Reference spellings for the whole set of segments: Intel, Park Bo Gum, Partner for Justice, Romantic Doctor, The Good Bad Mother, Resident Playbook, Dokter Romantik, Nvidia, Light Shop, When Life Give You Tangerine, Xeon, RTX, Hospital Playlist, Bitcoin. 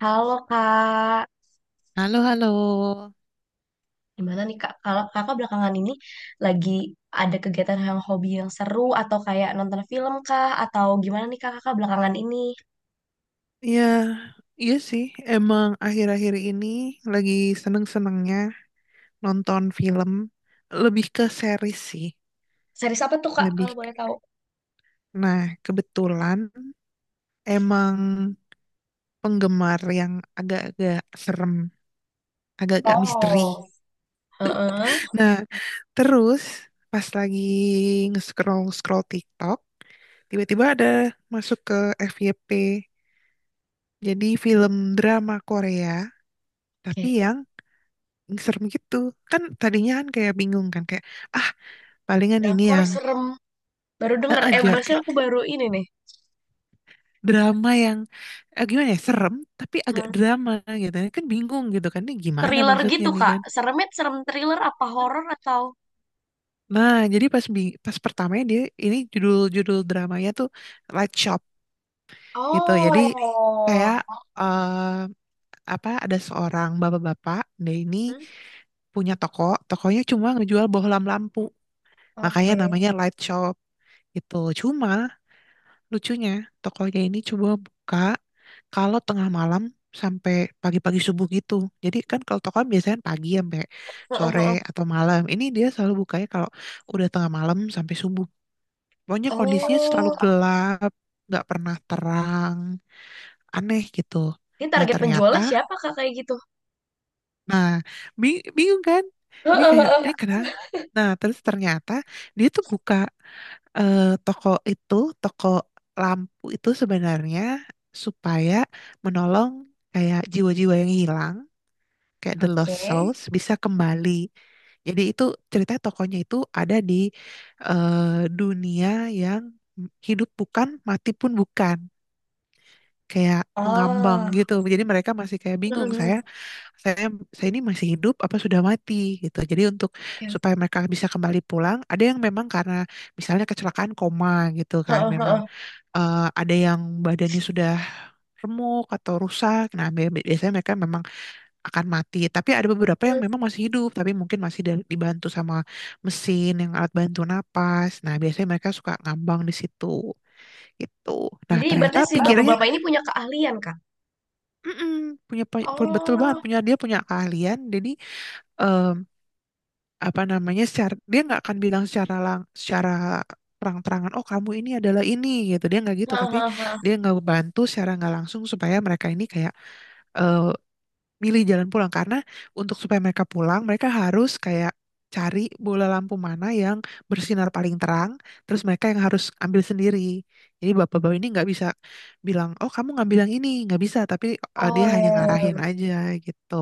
Halo Kak, Halo, halo. gimana nih Kak? Kalau Kakak belakangan ini lagi ada kegiatan yang hobi yang seru atau kayak nonton film kah? Atau gimana nih Kak Kakak belakangan ini? Iya, iya sih. Emang akhir-akhir ini lagi seneng-senengnya nonton film. Lebih ke series sih. Series apa tuh Kak Lebih. kalau boleh tahu? Nah, kebetulan emang penggemar yang agak-agak serem, agak-agak misteri. Oh, heeh. Nah, terus pas lagi nge-scroll-scroll TikTok, tiba-tiba ada masuk ke FYP. Jadi film drama Korea, tapi Oke. yang serem gitu kan. Tadinya kan kayak bingung kan, kayak, ah palingan ini Drakor yang serem. Baru denger, eh aja, kayak bahasanya aku baru ini nih. drama yang gimana ya, serem tapi agak Hmm. drama gitu ya. Kan bingung gitu kan, ini gimana Thriller maksudnya gitu nih Kak. kan. Seremnya serem thriller apa horor atau? Nah jadi pas pertamanya dia ini, judul-judul dramanya tuh Light Shop gitu. Jadi Oh. kayak, eh, apa, ada seorang bapak-bapak, dia ini Hmm? punya toko. Tokonya cuma ngejual bohlam lampu, makanya Oke. namanya Light Shop gitu. Cuma lucunya, tokonya ini coba buka kalau tengah malam sampai pagi-pagi subuh gitu. Jadi kan kalau toko kan biasanya pagi sampai Heeh, sore heeh. atau malam. Ini dia selalu bukanya kalau udah tengah malam sampai subuh. Pokoknya kondisinya selalu Oh, gelap, nggak pernah terang, aneh gitu. ini Nah target ternyata, penjualnya siapa Kak kayak gitu? nah bingung kan? Ini Heeh, kayak, ini heeh. kenapa? Nah terus ternyata dia tuh buka. Toko itu, toko lampu itu sebenarnya supaya menolong kayak jiwa-jiwa yang hilang, kayak the lost Oke. souls bisa kembali. Jadi itu cerita tokonya itu ada di eh, dunia yang hidup bukan, mati pun bukan, kayak mengambang Oh. gitu. Jadi mereka masih kayak bingung, Mm-mm. saya saya ini masih hidup apa sudah mati gitu. Jadi untuk Oke. supaya mereka bisa kembali pulang, ada yang memang karena misalnya kecelakaan koma gitu kan, Heeh, memang heeh. Ada yang badannya sudah remuk atau rusak. Nah, biasanya mereka memang akan mati. Tapi ada beberapa yang Mm. memang masih hidup, tapi mungkin masih dibantu sama mesin yang alat bantu napas. Nah, biasanya mereka suka ngambang di situ gitu. Nah, Jadi ternyata ibaratnya si pikirnya, bapak-bapak ini punya keahlian, Kak. Betul banget, Oh. punya, dia punya keahlian. Jadi apa namanya, secara dia nggak akan bilang secara lang secara terang-terangan, oh kamu ini adalah ini gitu. Dia nggak gitu, Heeh, tapi heeh, heeh. dia nggak bantu secara nggak langsung supaya mereka ini kayak eh, milih jalan pulang. Karena untuk supaya mereka pulang, mereka harus kayak cari bola lampu mana yang bersinar paling terang, terus mereka yang harus ambil sendiri. Jadi bapak-bapak ini nggak bisa bilang, oh kamu ngambil yang ini, nggak bisa. Tapi dia hanya Oh. ngarahin aja gitu.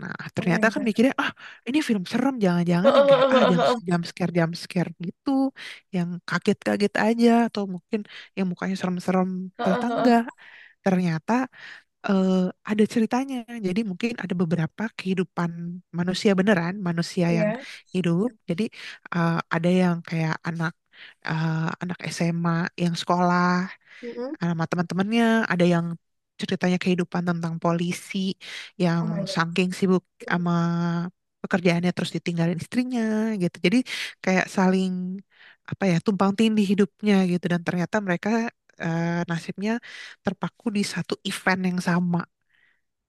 Nah, Oh my ternyata kan God. mikirnya, ah ini film serem, jangan-jangan Heeh, yang kayak, heeh, ah heeh, heeh. Jump scare gitu, yang kaget-kaget aja, atau mungkin yang mukanya serem-serem, Heeh, ternyata heeh. enggak. Ternyata eh, ada ceritanya. Jadi mungkin ada beberapa kehidupan manusia beneran, manusia yang Ya. hidup. Jadi ada yang kayak eh, anak SMA yang sekolah Mm-mm. sama teman-temannya, ada yang ceritanya kehidupan tentang polisi yang Oh my God. saking sibuk sama pekerjaannya terus ditinggalin istrinya gitu. Jadi kayak saling, apa ya, tumpang tindih hidupnya gitu, dan ternyata mereka nasibnya terpaku di satu event yang sama.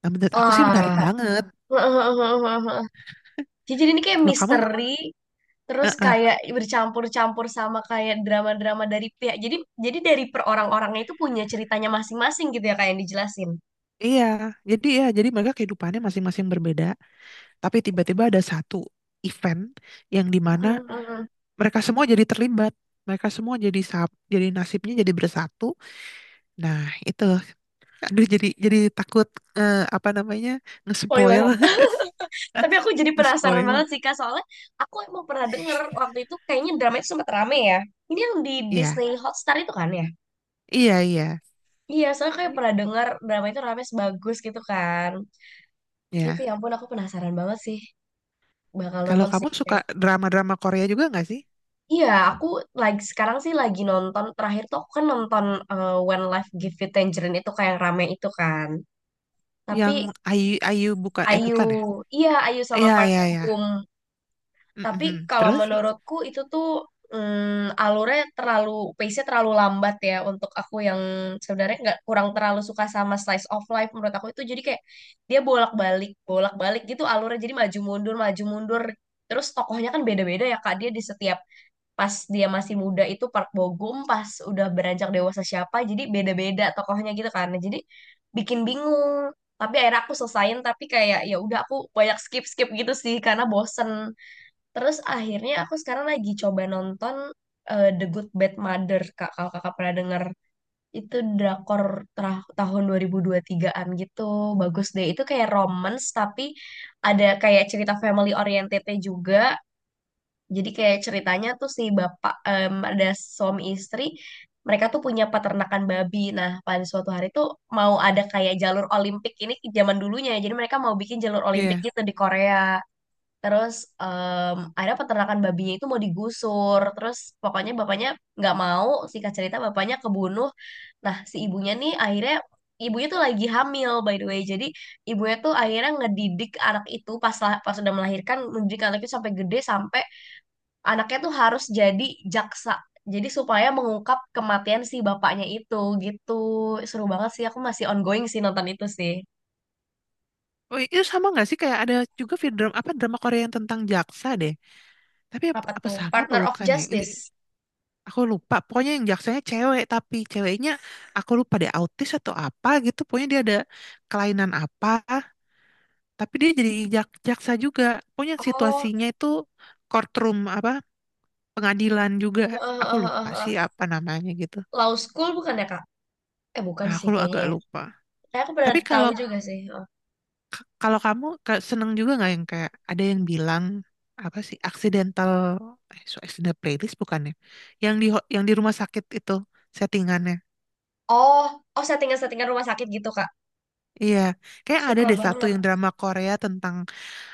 Nah menurut aku sih menarik Wah. banget. Hebat. Jadi ini kayak Kalau kamu misteri, terus eh, eh, kayak bercampur-campur sama kayak drama-drama dari pihak. Jadi dari per orang-orangnya itu punya ceritanya masing-masing gitu ya kayak yang dijelasin. iya jadi, ya jadi mereka kehidupannya masing-masing berbeda, tapi tiba-tiba ada satu event yang dimana Mm-mm. mereka semua jadi terlibat, mereka semua jadi jadi nasibnya jadi bersatu. Nah itu, aduh, jadi takut, apa namanya, ngespoil. Spoiler. Tapi aku jadi penasaran Ngespoil. banget sih Kak, soalnya aku emang pernah denger waktu itu kayaknya drama itu sempat rame ya. Ini yang di Iya Disney Hotstar itu kan ya? iya iya, Iya, soalnya kayak pernah denger drama itu rame sebagus gitu kan. Gitu ya. ya ampun, aku penasaran banget sih. Bakal Kalau nonton sih kamu suka kayak. drama-drama Korea juga nggak sih, Iya, aku lagi sekarang sih lagi nonton terakhir tuh aku kan nonton When Life Give You Tangerine itu kayak yang rame itu kan. Tapi yang Ayu Ayu bukan, eh Ayu, bukan ya, iya Ayu sama iya Park iya Bo iya. Gum. Tapi Mm-mm. kalau Terus menurutku itu tuh alurnya terlalu pace-nya terlalu lambat ya untuk aku yang sebenarnya nggak kurang terlalu suka sama slice of life. Menurut aku itu jadi kayak dia bolak-balik bolak-balik gitu, alurnya jadi maju mundur maju mundur. Terus tokohnya kan beda-beda ya Kak, dia di setiap pas dia masih muda itu Park Bogum, pas udah beranjak dewasa siapa, jadi beda-beda tokohnya gitu kan. Nah, jadi bikin bingung, tapi akhirnya aku selesain tapi kayak ya udah aku banyak skip skip gitu sih karena bosen. Terus akhirnya aku sekarang lagi coba nonton The Good Bad Mother, Kak. Kalau kakak pernah denger, itu drakor tahun 2023-an gitu. Bagus deh. Itu kayak romance, tapi ada kayak cerita family oriented-nya juga. Jadi kayak ceritanya tuh si bapak, ada suami istri, mereka tuh punya peternakan babi. Nah, pada suatu hari tuh mau ada kayak jalur Olimpik ini zaman dulunya. Jadi mereka mau bikin jalur Olimpik iya. gitu di Korea. Terus akhirnya peternakan babinya itu mau digusur. Terus pokoknya bapaknya nggak mau. Singkat cerita bapaknya kebunuh. Nah si ibunya nih akhirnya ibunya tuh lagi hamil by the way. Jadi ibunya tuh akhirnya ngedidik anak itu pas sudah melahirkan mendidik anak itu sampai gede sampai anaknya tuh harus jadi jaksa. Jadi supaya mengungkap kematian si bapaknya itu gitu. Seru banget sih. Aku masih ongoing sih nonton itu sih. Oh, itu sama nggak sih, kayak ada juga film drama, apa drama Korea yang tentang jaksa deh, tapi apa, Apa apa tuh? sama apa Partner of bukan ya ini. Justice. Aku lupa, pokoknya yang jaksanya cewek, tapi ceweknya aku lupa dia autis atau apa gitu. Pokoknya dia ada kelainan apa, tapi dia jadi jaksa juga. Pokoknya Oh. situasinya itu courtroom, apa pengadilan juga. Aku lupa sih apa namanya gitu. Law School bukan ya, Kak? Eh, bukan Ah, aku sih kayaknya agak ya. lupa. Kayak aku pernah Tapi tahu kalau juga sih. Oh, kalau kamu seneng juga nggak yang kayak, ada yang bilang apa sih accidental, so accidental playlist bukannya? Yang di rumah sakit itu settingannya. oh, oh, settingan-settingan rumah sakit gitu, Kak. Iya, kayak ada Suka deh satu banget. yang drama Korea tentang,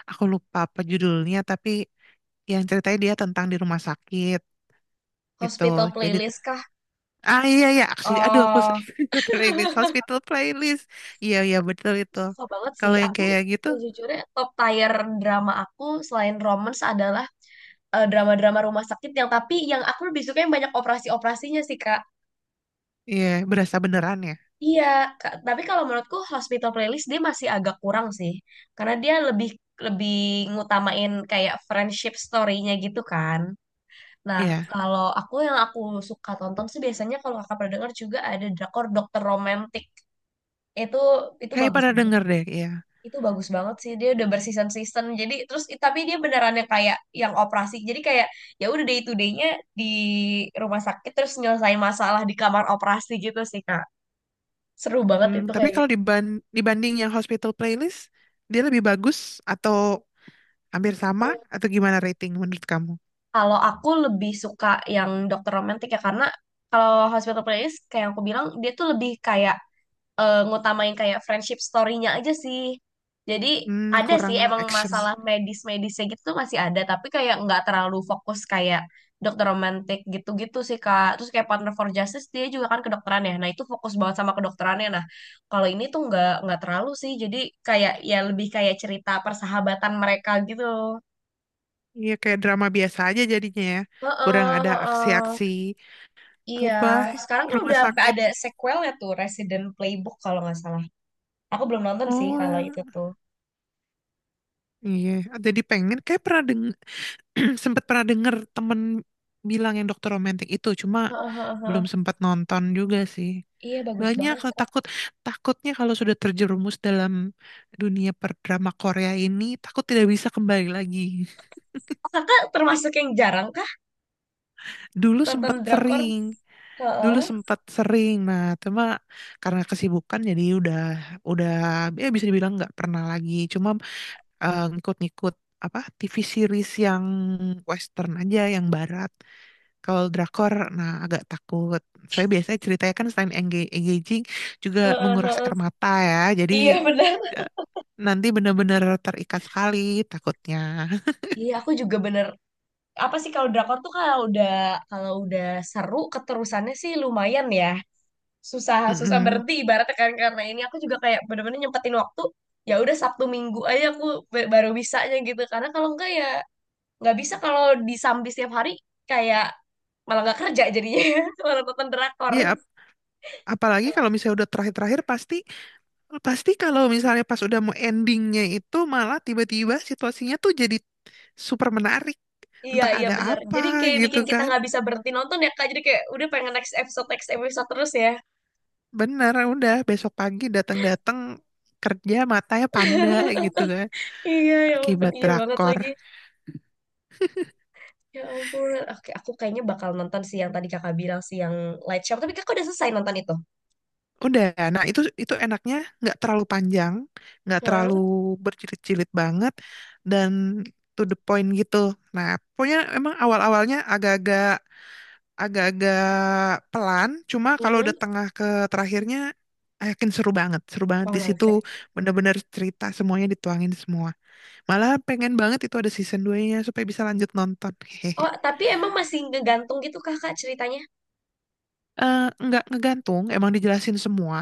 aku lupa apa judulnya, tapi yang ceritanya dia tentang di rumah sakit gitu. Hospital Jadi playlist kah? ah iya iya, aksi aduh aku, Oh, hospital playlist. Iya iya, betul itu. suka banget sih. Kalau yang Aku kayak gitu, sejujurnya top tier drama aku selain romance adalah drama-drama rumah sakit yang tapi yang aku lebih suka yang banyak operasi-operasinya sih, Kak. iya berasa beneran ya. Iya, Kak. Tapi kalau menurutku Hospital Playlist dia masih agak kurang sih. Karena dia lebih lebih ngutamain kayak friendship story-nya gitu kan. Nah, Iya, kalau aku yang aku suka tonton sih biasanya kalau kakak pernah dengar juga ada drakor Dokter Romantik. Itu itu kayak bagus pada banget. denger deh. Iya. Itu bagus banget sih. Dia udah berseason-season. Jadi terus tapi dia beneran yang kayak yang operasi. Jadi kayak ya udah day to day-nya di rumah sakit terus nyelesain masalah di kamar operasi gitu sih, Kak. Seru banget Hmm, itu tapi kayak kalau gitu. Dibanding yang hospital playlist, dia lebih bagus atau hampir sama Mm. atau gimana, rating menurut kamu? Kalau aku lebih suka yang Dokter Romantik ya karena kalau Hospital Playlist kayak yang aku bilang dia tuh lebih kayak ngutamain kayak friendship story-nya aja sih. Jadi Hmm, ada sih kurang emang action. masalah medis-medisnya gitu tuh masih ada, tapi kayak nggak terlalu fokus kayak dokter romantik gitu-gitu sih Kak. Terus kayak Partner for Justice dia juga kan kedokteran ya. Nah, itu fokus banget sama kedokterannya. Nah, kalau ini tuh nggak terlalu sih. Jadi kayak ya lebih kayak cerita persahabatan mereka gitu. Iya kayak drama biasa aja jadinya ya. Kurang Heeh, ada heeh. aksi-aksi Iya, apa sekarang kan rumah udah sampai sakit. ada sequelnya tuh Resident Playbook kalau nggak salah. Aku belum nonton sih kalau itu Oh tuh. iya, jadi pengen, kayak pernah denger, sempat pernah denger temen bilang yang dokter romantik itu, cuma Heeh, heeh, belum heeh. sempat nonton juga sih. Iya bagus Banyak banget lah, kok. takut, takutnya kalau sudah terjerumus dalam dunia perdrama Korea ini, takut tidak bisa kembali lagi. Oh, kakak termasuk yang jarang kah Dulu sempat nonton drakor? sering, Dulu Heeh, sempat sering. Nah cuma karena kesibukan jadi udah, ya bisa dibilang nggak pernah lagi. Cuma ngikut-ngikut apa TV series yang Western aja, yang Barat. Kalau drakor, nah agak takut. Saya biasanya ceritanya kan selain engaging juga heeh, menguras air heeh. mata ya. Jadi Iya benar. eh, nanti benar-benar terikat sekali takutnya. Iya aku juga bener. Apa sih kalau drakor tuh kalau udah seru keterusannya sih lumayan ya. Susah susah Mm-mm. berhenti ibaratnya kan, karena ini aku juga kayak bener-bener nyempetin waktu. Ya udah Sabtu Minggu aja aku baru bisanya gitu. Karena kalau enggak ya nggak bisa kalau disambi setiap hari kayak malah nggak kerja jadinya malah nonton drakor. Ya, apalagi kalau misalnya udah terakhir-terakhir pasti. Pasti kalau misalnya pas udah mau endingnya itu malah tiba-tiba situasinya tuh jadi super menarik. Iya, Entah iya ada bener. Jadi apa kayak gitu bikin kita kan. nggak bisa berhenti nonton ya, Kak. Jadi kayak udah pengen next episode terus ya. Bener, udah besok pagi datang-datang kerja matanya panda gitu kan. Iya, ya ampun. Akibat Iya banget drakor. lagi. Ya ampun. Oke, aku kayaknya bakal nonton sih yang tadi kakak bilang sih, yang Light Shop. Tapi kakak udah selesai nonton itu? Udah, nah itu enaknya nggak terlalu panjang, nggak terlalu Hmm. berjilid-jilid banget, dan to the point gitu. Nah, pokoknya emang awal-awalnya agak-agak pelan, cuma kalau Hmm. udah tengah ke terakhirnya, I yakin seru banget Oh di my situ, God. bener-bener cerita semuanya dituangin semua. Malah pengen banget itu ada season 2-nya supaya bisa lanjut nonton. Hehehe. Oh, tapi emang masih ngegantung gitu kakak ceritanya? Eh, nggak ngegantung, emang dijelasin semua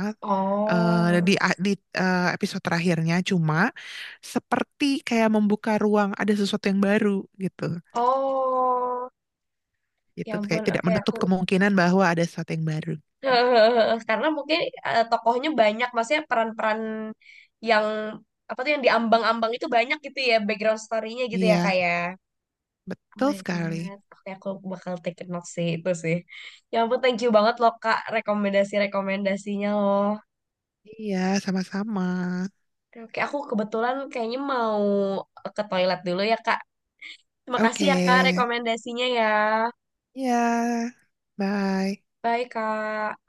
Oh. di di episode terakhirnya, cuma seperti kayak membuka ruang ada sesuatu yang baru gitu. Oh. Ya Gitu ampun. kayak tidak Oke, aku menutup kemungkinan bahwa ada sesuatu yang baru. Ya, hehehe, karena mungkin tokohnya banyak, maksudnya peran-peran yang apa tuh yang diambang-ambang itu banyak gitu ya, background story-nya gitu ya iya, kayak. Oh betul my sekali. God. Oke, aku bakal take a note sih itu sih. Ya ampun, thank you banget loh Kak rekomendasi-rekomendasinya loh. Iya, sama-sama. Oke, oke, aku kebetulan kayaknya mau ke toilet dulu ya Kak. Terima kasih Oke. ya Kak rekomendasinya ya. Iya. Bye. Bye Kak.